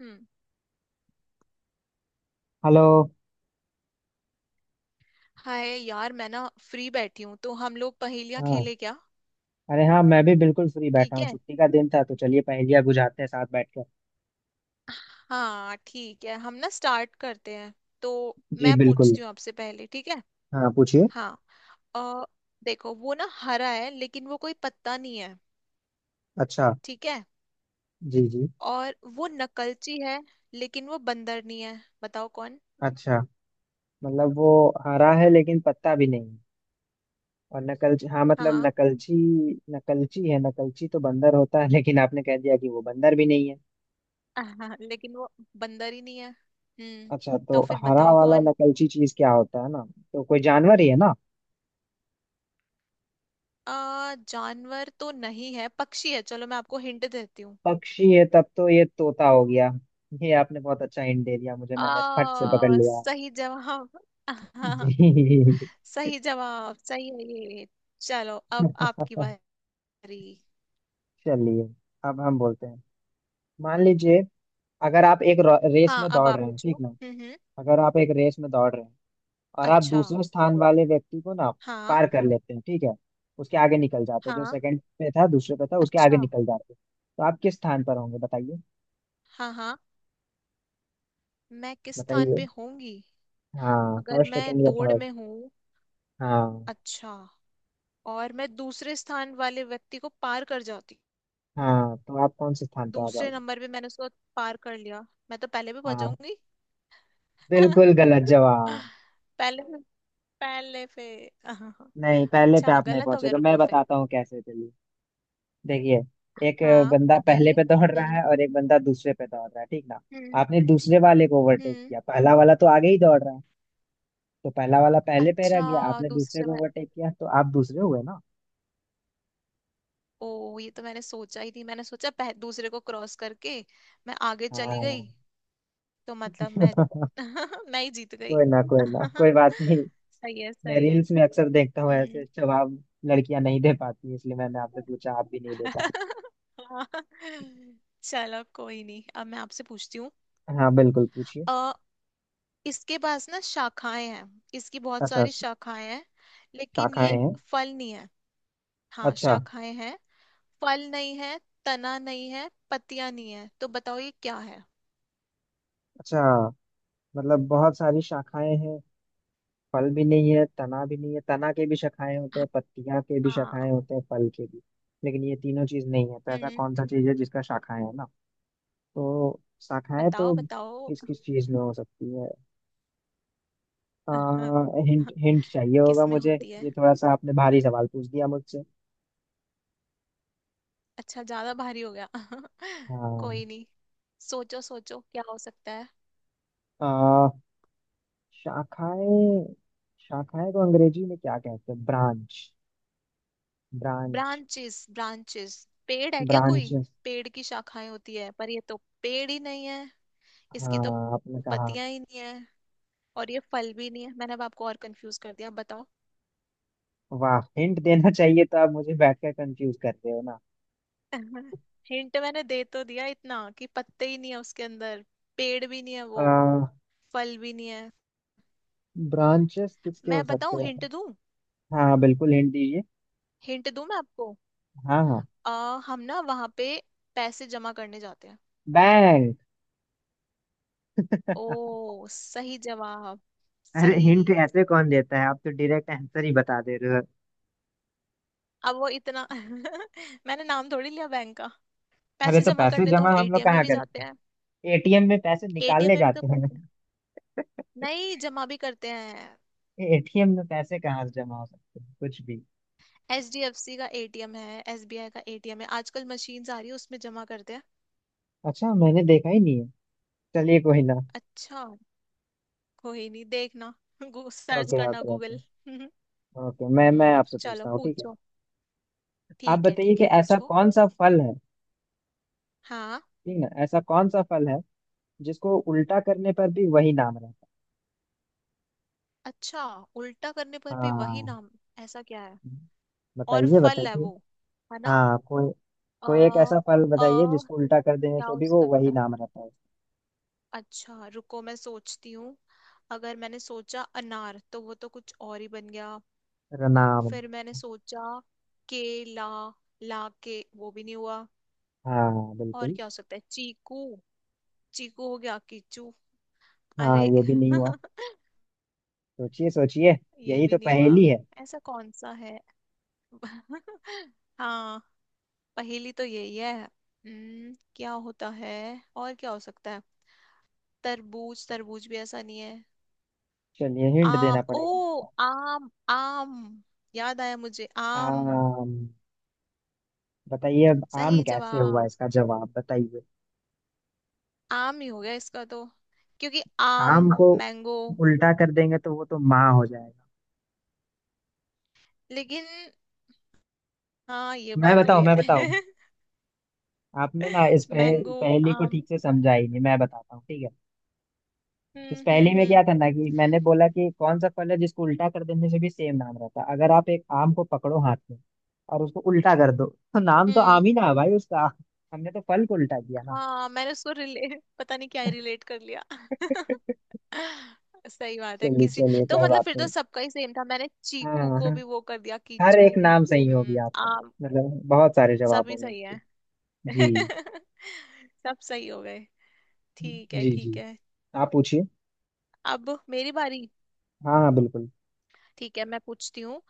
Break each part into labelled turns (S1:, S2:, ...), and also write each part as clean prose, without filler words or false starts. S1: हम्म।
S2: Hello.
S1: Hi यार, मैं ना फ्री बैठी हूँ तो हम लोग पहेलियाँ
S2: हाँ,
S1: खेले क्या?
S2: अरे हाँ, मैं भी बिल्कुल फ्री बैठा
S1: ठीक
S2: हूँ,
S1: है।
S2: छुट्टी का दिन था, तो चलिए पहेलियाँ बुझाते हैं साथ बैठ कर।
S1: हाँ ठीक है, हम ना स्टार्ट करते हैं तो
S2: जी
S1: मैं
S2: बिल्कुल।
S1: पूछती हूँ आपसे पहले, ठीक है?
S2: हाँ पूछिए।
S1: हाँ। अ, देखो वो ना हरा है लेकिन वो कोई पत्ता नहीं है।
S2: अच्छा।
S1: ठीक है।
S2: जी जी।
S1: और वो नकलची है लेकिन वो बंदर नहीं है, बताओ कौन?
S2: अच्छा, मतलब वो हरा है लेकिन पत्ता भी नहीं है। और नकलची, हाँ मतलब
S1: हाँ।
S2: नकलची, नकलची है। नकलची तो बंदर होता है, लेकिन आपने कह दिया कि वो बंदर भी नहीं है।
S1: लेकिन वो बंदर ही नहीं है। हम्म।
S2: अच्छा,
S1: तो
S2: तो
S1: फिर
S2: हरा
S1: बताओ
S2: वाला
S1: कौन?
S2: नकलची चीज क्या होता है ना, तो कोई जानवर ही है ना।
S1: आ जानवर तो नहीं है, पक्षी है, चलो मैं आपको हिंट देती हूँ।
S2: पक्षी है, तब तो ये तोता हो गया। ये आपने बहुत अच्छा हिंट दे दिया मुझे, मैंने फट से पकड़ लिया।
S1: सही जवाब। हाँ,
S2: जी।
S1: सही जवाब, सही है ये। चलो अब आपकी बारी।
S2: चलिए, अब हम बोलते हैं, मान लीजिए, अगर आप एक रेस
S1: हाँ,
S2: में
S1: अब
S2: दौड़
S1: आप
S2: रहे हैं,
S1: पूछो।
S2: ठीक ना।
S1: हम्म।
S2: अगर आप एक रेस में दौड़ रहे हैं, और आप
S1: अच्छा।
S2: दूसरे स्थान वाले व्यक्ति को ना
S1: हाँ
S2: पार कर लेते हैं, ठीक है, उसके आगे निकल जाते हैं, जो
S1: हाँ।
S2: सेकंड पे था, दूसरे पे था, उसके आगे
S1: अच्छा।
S2: निकल जाते हैं, तो आप किस स्थान पर होंगे, बताइए।
S1: हाँ हाँ। मैं किस स्थान
S2: बताइए,
S1: पे होंगी?
S2: हाँ
S1: अगर
S2: फर्स्ट,
S1: मैं
S2: सेकंड या
S1: दौड़
S2: थर्ड।
S1: में हूँ।
S2: हाँ
S1: अच्छा। और मैं दूसरे स्थान वाले व्यक्ति को पार कर जाती हूँ।
S2: हाँ, तो आप कौन से स्थान पे आ
S1: दूसरे
S2: जाओगे।
S1: नंबर पे मैंने उसको पार कर लिया, मैं तो पहले भी पहुंच
S2: हाँ,
S1: जाऊंगी।
S2: बिल्कुल गलत जवाब।
S1: पहले। पहले फिर हाँ हाँ।
S2: नहीं, पहले पे
S1: अच्छा
S2: आप नहीं
S1: गलत हो गया,
S2: पहुंचेगा, मैं
S1: रुको फिर।
S2: बताता हूँ कैसे, चलिए। देखिए, एक
S1: हाँ
S2: बंदा पहले
S1: बताइए।
S2: पे दौड़ रहा
S1: हम्म
S2: है, और एक बंदा दूसरे पे दौड़ रहा है, ठीक ना।
S1: हम्म
S2: आपने दूसरे वाले को ओवरटेक
S1: हम्म।
S2: किया, पहला वाला तो आगे ही दौड़ रहा है, तो पहला वाला पहले पे रह
S1: अच्छा
S2: गया, आपने दूसरे
S1: दूसरे
S2: को
S1: में।
S2: ओवरटेक किया, तो आप दूसरे हुए ना।
S1: ओ ये तो मैंने सोचा ही थी, मैंने सोचा दूसरे को क्रॉस करके मैं आगे चली गई।
S2: हाँ।
S1: तो मतलब मैं मैं ही जीत गई।
S2: कोई ना, कोई ना, कोई बात नहीं।
S1: सही है,
S2: मैं
S1: सही है।
S2: रील्स में अक्सर देखता हूँ ऐसे
S1: हम्म।
S2: जवाब, लड़कियां नहीं दे पाती, इसलिए मैंने आपसे पूछा, आप भी नहीं दे पाए।
S1: हाँ। चलो कोई नहीं, अब मैं आपसे पूछती
S2: हाँ बिल्कुल पूछिए।
S1: हूँ। इसके पास ना शाखाएं हैं, इसकी बहुत
S2: अच्छा,
S1: सारी शाखाएं हैं, लेकिन ये
S2: शाखाएं हैं।
S1: फल नहीं है। हाँ
S2: अच्छा।
S1: शाखाएं हैं, फल नहीं है, तना नहीं है, पत्तियां नहीं है, तो बताओ ये क्या है?
S2: अच्छा, मतलब बहुत सारी शाखाएं हैं, फल भी नहीं है, तना भी नहीं है। तना के भी शाखाएं होते हैं, पत्तियां के भी
S1: हाँ।
S2: शाखाएं होते हैं, फल के भी, लेकिन ये तीनों चीज नहीं है, तो ऐसा
S1: हम्म।
S2: कौन सा चीज है जिसका शाखाएं है ना। तो शाखाएं
S1: बताओ
S2: तो
S1: बताओ।
S2: किस किस चीज में हो सकती है। आ, हिंट हिंट चाहिए होगा
S1: किसमें
S2: मुझे।
S1: होती है?
S2: ये थोड़ा सा आपने भारी सवाल पूछ दिया मुझसे।
S1: अच्छा ज्यादा भारी हो गया।
S2: हाँ।
S1: कोई नहीं, सोचो सोचो क्या हो सकता है।
S2: आ, शाखाएं, शाखाएं को अंग्रेजी में क्या कहते हैं, ब्रांच, ब्रांच,
S1: ब्रांचेस ब्रांचेस, पेड़ है क्या कोई?
S2: ब्रांच।
S1: पेड़ की शाखाएं होती है पर ये तो पेड़ ही नहीं है, इसकी तो
S2: हाँ आपने कहा।
S1: पत्तियां ही नहीं है, और ये फल भी नहीं है, मैंने अब आपको और कंफ्यूज कर दिया, बताओ।
S2: वाह, हिंट देना चाहिए तो आप मुझे बैठकर कंफ्यूज कर रहे हो ना।
S1: हिंट मैंने दे तो दिया इतना कि पत्ते ही नहीं है उसके अंदर, पेड़ भी नहीं है वो,
S2: आ,
S1: फल भी नहीं है।
S2: ब्रांचेस किसके हो
S1: मैं
S2: सकते
S1: बताऊं हिंट
S2: हैं।
S1: दूं?
S2: हाँ बिल्कुल हिंट दीजिए।
S1: हिंट दूं मैं आपको?
S2: हाँ हाँ।
S1: हम ना वहां पे पैसे जमा करने जाते हैं।
S2: बैंक।
S1: ओ सही जवाब।
S2: अरे,
S1: सही।
S2: हिंट ऐसे कौन देता है, आप तो डायरेक्ट आंसर ही बता दे रहे हो।
S1: अब वो इतना मैंने नाम थोड़ी लिया बैंक का,
S2: अरे,
S1: पैसे
S2: तो
S1: जमा
S2: पैसे
S1: करने तो
S2: जमा
S1: हम
S2: हम लोग
S1: एटीएम में
S2: कहाँ
S1: भी जाते
S2: करते
S1: हैं।
S2: हैं, एटीएम में पैसे
S1: एटीएम
S2: निकालने
S1: में भी तो
S2: जाते हैं।
S1: करते हैं, नहीं जमा भी करते हैं।
S2: एटीएम में पैसे कहाँ से जमा हो सकते हैं कुछ भी।
S1: एचडीएफसी का एटीएम है, एसबीआई का एटीएम है, आजकल मशीन्स आ रही है, उसमें जमा करते हैं।
S2: अच्छा, मैंने देखा ही नहीं है। चलिए कोई ना।
S1: अच्छा। कोई नहीं, देखना सर्च
S2: ओके
S1: करना
S2: ओके ओके।
S1: गूगल।
S2: ओके, मैं
S1: हम्म,
S2: आपसे
S1: चलो
S2: पूछता हूँ, ठीक है।
S1: पूछो।
S2: आप
S1: ठीक है
S2: बताइए
S1: ठीक
S2: कि
S1: है,
S2: ऐसा
S1: पूछो।
S2: कौन सा फल है,
S1: हाँ।
S2: ठीक ना, ऐसा कौन सा फल है जिसको उल्टा करने पर भी वही नाम रहता है?
S1: अच्छा, उल्टा करने पर भी वही
S2: हाँ
S1: नाम। ऐसा क्या है? और
S2: बताइए
S1: फल है
S2: बताइए।
S1: वो, है ना?
S2: हाँ कोई,
S1: अ
S2: कोई एक ऐसा फल
S1: अ
S2: बताइए जिसको उल्टा कर देने
S1: क्या
S2: से
S1: हो
S2: भी वो
S1: सकता
S2: वही
S1: है?
S2: नाम रहता है।
S1: अच्छा रुको मैं सोचती हूँ। अगर मैंने सोचा अनार तो वो तो कुछ और ही बन गया।
S2: रनावली।
S1: फिर मैंने सोचा केला, ला के वो भी नहीं हुआ।
S2: हाँ
S1: और
S2: बिल्कुल।
S1: क्या हो सकता है, चीकू? चीकू हो गया कीचू।
S2: हाँ
S1: अरे
S2: ये भी नहीं हुआ। सोचिए सोचिए,
S1: ये
S2: यही
S1: भी
S2: तो
S1: नहीं हुआ।
S2: पहेली है।
S1: ऐसा कौन सा है? हाँ, पहेली तो यही है। क्या होता है? और क्या हो सकता है? तरबूज, तरबूज भी ऐसा नहीं है।
S2: चलिए हिंट देना
S1: आम। ओ
S2: पड़ेगा लगता है।
S1: आम। आम, याद आया मुझे आम।
S2: आम, बताइए अब आम
S1: सही
S2: कैसे हुआ
S1: जवाब।
S2: इसका जवाब बताइए।
S1: आम ही हो गया इसका तो, क्योंकि आम
S2: आम को
S1: मैंगो।
S2: उल्टा कर देंगे तो वो तो माँ हो जाएगा।
S1: लेकिन हाँ ये
S2: मैं
S1: बात
S2: बताऊँ,
S1: भी
S2: मैं बताऊँ।
S1: है।
S2: आपने ना इस
S1: मैंगो
S2: पहेली को
S1: आम।
S2: ठीक से समझा ही नहीं, मैं बताता हूँ ठीक है। इस पहेली में
S1: हम्म।
S2: क्या था ना, कि मैंने बोला कि कौन सा फल है जिसको उल्टा कर देने से भी सेम नाम रहता है। अगर आप एक आम को पकड़ो हाथ में और उसको उल्टा कर दो, तो नाम तो आम
S1: हम्म।
S2: ही ना है भाई उसका। हमने तो फल को उल्टा किया ना।
S1: हाँ मैंने उसको रिले पता नहीं क्या रिलेट कर लिया। सही बात है
S2: चलिए
S1: किसी।
S2: चलिए
S1: तो
S2: कोई
S1: मतलब
S2: बात
S1: फिर तो
S2: नहीं।
S1: सबका ही सेम था, मैंने चीकू
S2: हाँ
S1: को
S2: हाँ,
S1: भी वो कर दिया
S2: हर
S1: कीचू।
S2: एक नाम सही हो गया आपका।
S1: आम।
S2: मतलब बहुत सारे
S1: सभी
S2: जवाबों में
S1: सही
S2: इसके।
S1: है।
S2: जी
S1: सब सही हो गए। ठीक है
S2: जी
S1: ठीक
S2: जी,
S1: है,
S2: आप पूछिए।
S1: अब मेरी बारी।
S2: हाँ हाँ बिल्कुल।
S1: ठीक है मैं पूछती हूँ।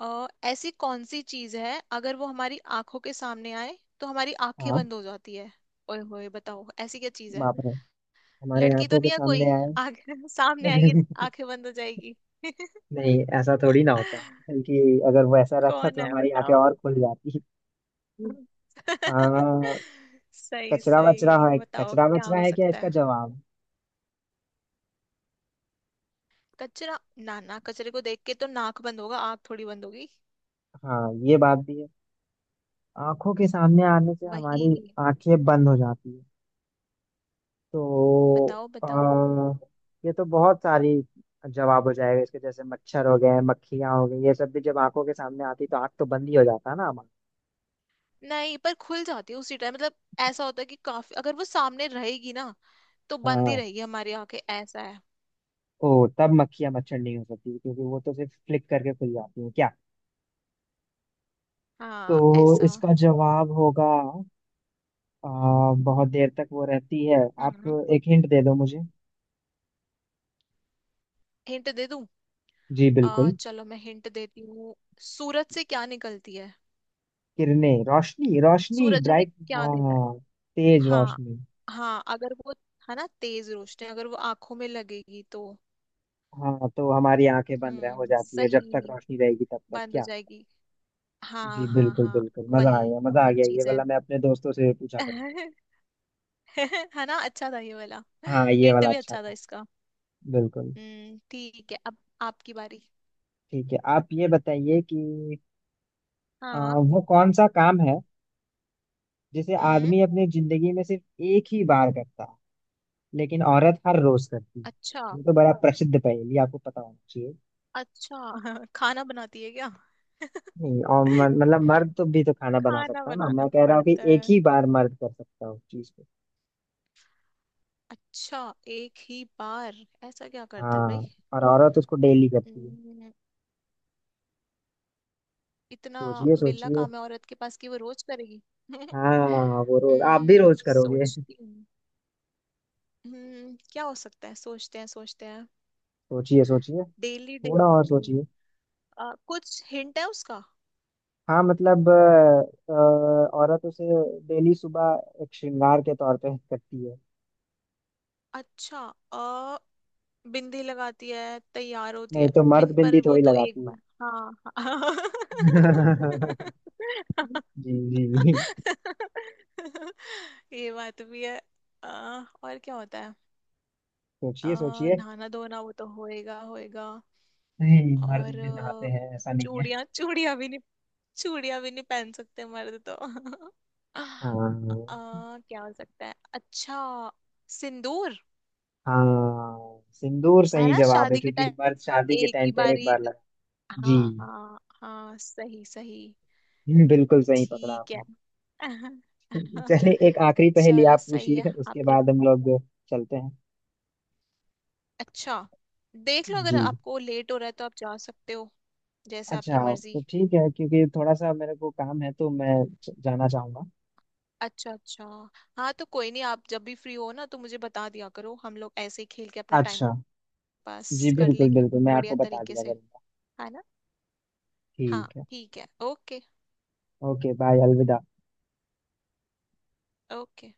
S1: ऐसी कौन सी चीज है अगर वो हमारी आंखों के सामने आए तो हमारी आंखें
S2: हाँ।
S1: बंद हो जाती है? ओए होए बताओ, ऐसी क्या चीज है?
S2: बाप रे, हमारे
S1: लड़की तो
S2: आंखों के
S1: नहीं है
S2: सामने
S1: कोई?
S2: आए।
S1: आंखें सामने आएगी, आंखें बंद हो जाएगी।
S2: नहीं, ऐसा थोड़ी ना होता, बल्कि अगर वो ऐसा रहता
S1: कौन
S2: तो
S1: है
S2: हमारी आंखें
S1: बताओ।
S2: और खुल जाती। आ,
S1: सही
S2: कचरा वचरा
S1: सही
S2: है,
S1: बताओ,
S2: कचरा
S1: क्या
S2: वचरा
S1: हो
S2: है क्या
S1: सकता
S2: इसका
S1: है?
S2: जवाब।
S1: कचरा? ना ना, कचरे को देख के तो नाक बंद होगा, आंख थोड़ी बंद होगी।
S2: हाँ ये बात भी है, आंखों के सामने आने से
S1: वही।
S2: हमारी आंखें बंद हो जाती है। तो
S1: बताओ बताओ।
S2: ये तो बहुत सारी जवाब हो जाएगा इसके, जैसे मच्छर हो गए, मक्खियां हो गई, ये सब भी जब आंखों के सामने आती तो आंख तो बंद ही हो जाता है ना हमारा।
S1: नहीं पर खुल जाती है उसी टाइम, मतलब ऐसा होता है कि काफी अगर वो सामने रहेगी ना तो बंद ही
S2: हाँ,
S1: रहेगी हमारी आंखें, ऐसा है।
S2: ओ तब मक्खियां मच्छर नहीं हो सकती, क्योंकि वो तो सिर्फ फ्लिक करके खुल जाती है क्या। तो
S1: हाँ ऐसा।
S2: इसका जवाब होगा, बहुत देर तक वो रहती है। आप
S1: हम्म।
S2: एक हिंट दे दो मुझे।
S1: हिंट दे दूं?
S2: जी
S1: आ
S2: बिल्कुल।
S1: चलो मैं हिंट देती हूँ। सूरज से क्या निकलती है?
S2: किरणें, रोशनी, रोशनी,
S1: सूरज हमें
S2: ब्राइट।
S1: क्या देता है?
S2: हाँ, तेज
S1: हाँ।
S2: रोशनी।
S1: हाँ अगर वो है ना तेज रोशनी, अगर वो आंखों में लगेगी तो।
S2: हाँ, तो हमारी आंखें बंद रह हो जाती है, जब तक
S1: सही,
S2: रोशनी रहेगी तब तक
S1: बंद हो
S2: क्या।
S1: जाएगी।
S2: जी
S1: हाँ हाँ
S2: बिल्कुल
S1: हाँ।
S2: बिल्कुल, मजा आ
S1: वही
S2: गया, मजा आ
S1: वही
S2: गया, ये
S1: चीज है।
S2: वाला मैं अपने दोस्तों से भी पूछा करूँ।
S1: है ना, अच्छा था ये वाला।
S2: हाँ, ये
S1: हिंट
S2: वाला
S1: भी
S2: अच्छा
S1: अच्छा था
S2: था।
S1: इसका।
S2: बिल्कुल।
S1: हम्म, ठीक है अब आपकी बारी।
S2: ठीक है, आप ये बताइए कि आ,
S1: हाँ।
S2: वो कौन सा काम है जिसे
S1: हम्म।
S2: आदमी अपनी जिंदगी में सिर्फ एक ही बार करता है, लेकिन औरत हर रोज करती है।
S1: अच्छा
S2: ये तो बड़ा प्रसिद्ध पहेली आपको पता होना चाहिए।
S1: अच्छा। खाना बनाती है क्या?
S2: नहीं, और मतलब मर्द तो भी तो खाना बना
S1: खाना
S2: सकता है ना,
S1: बनाना
S2: मैं कह रहा हूँ कि
S1: पड़ता
S2: एक
S1: है?
S2: ही बार मर्द कर सकता है उस चीज को।
S1: अच्छा, एक ही बार? ऐसा क्या करता है भाई?
S2: हाँ, और औरत उसको डेली करती है।
S1: हम्म, इतना
S2: सोचिए
S1: वेला
S2: सोचिए।
S1: काम है औरत के पास कि वो रोज करेगी?
S2: हाँ, वो रोज, आप भी रोज करोगे।
S1: सोचती हूँ। क्या हो सकता है, सोचते हैं सोचते हैं।
S2: सोचिए सोचिए,
S1: डेली
S2: थोड़ा और
S1: डेली।
S2: सोचिए।
S1: कुछ हिंट है उसका?
S2: हाँ मतलब औरत उसे डेली सुबह एक श्रृंगार के तौर पे करती है।
S1: अच्छा। अ बिंदी लगाती है, तैयार होती
S2: नहीं,
S1: है?
S2: तो
S1: बिन
S2: मर्द
S1: पर
S2: बिंदी
S1: वो
S2: थोड़ी
S1: तो एक
S2: लगाती है।
S1: बार। हाँ। हाँ
S2: जी जी जी।
S1: ये बात भी है। आ, और क्या होता है?
S2: सोचिए सोचिए।
S1: नहाना धोना, वो तो होएगा होएगा।
S2: नहीं, मर्द
S1: और
S2: भी नहाते हैं, ऐसा नहीं है।
S1: चूड़ियां, चूड़ियां भी नहीं? चूड़ियां भी नहीं पहन सकते मर्द तो।
S2: हाँ
S1: क्या हो सकता है? अच्छा, सिंदूर।
S2: हाँ, सिंदूर
S1: है
S2: सही
S1: ना,
S2: जवाब है,
S1: शादी के
S2: क्योंकि
S1: टाइम,
S2: मर्द शादी के
S1: एक
S2: टाइम
S1: ही
S2: पे एक
S1: बारी।
S2: बार लगा। जी।
S1: हाँ हाँ हाँ सही सही।
S2: बिल्कुल सही पकड़ा
S1: ठीक है।
S2: आपने। चलिए, एक आखिरी पहेली
S1: चलो
S2: आप
S1: सही है
S2: पूछिए, उसके
S1: आपने।
S2: बाद हम लोग चलते हैं।
S1: अच्छा, देख लो अगर
S2: जी।
S1: आपको लेट हो रहा है तो आप जा सकते हो, जैसे
S2: अच्छा,
S1: आपकी मर्जी।
S2: तो ठीक है, क्योंकि थोड़ा सा मेरे को काम है, तो मैं जाना चाहूंगा।
S1: अच्छा अच्छा। हाँ तो कोई नहीं, आप जब भी फ्री हो ना तो मुझे बता दिया करो, हम लोग ऐसे ही खेल के अपना टाइम
S2: अच्छा। जी
S1: पास कर
S2: बिल्कुल
S1: लेंगे
S2: बिल्कुल, मैं
S1: बढ़िया
S2: आपको बता
S1: तरीके
S2: दिया
S1: से,
S2: करूंगा।
S1: है ना? हाँ
S2: ठीक है।
S1: ठीक है ओके।
S2: ओके बाय, अलविदा।
S1: ओके।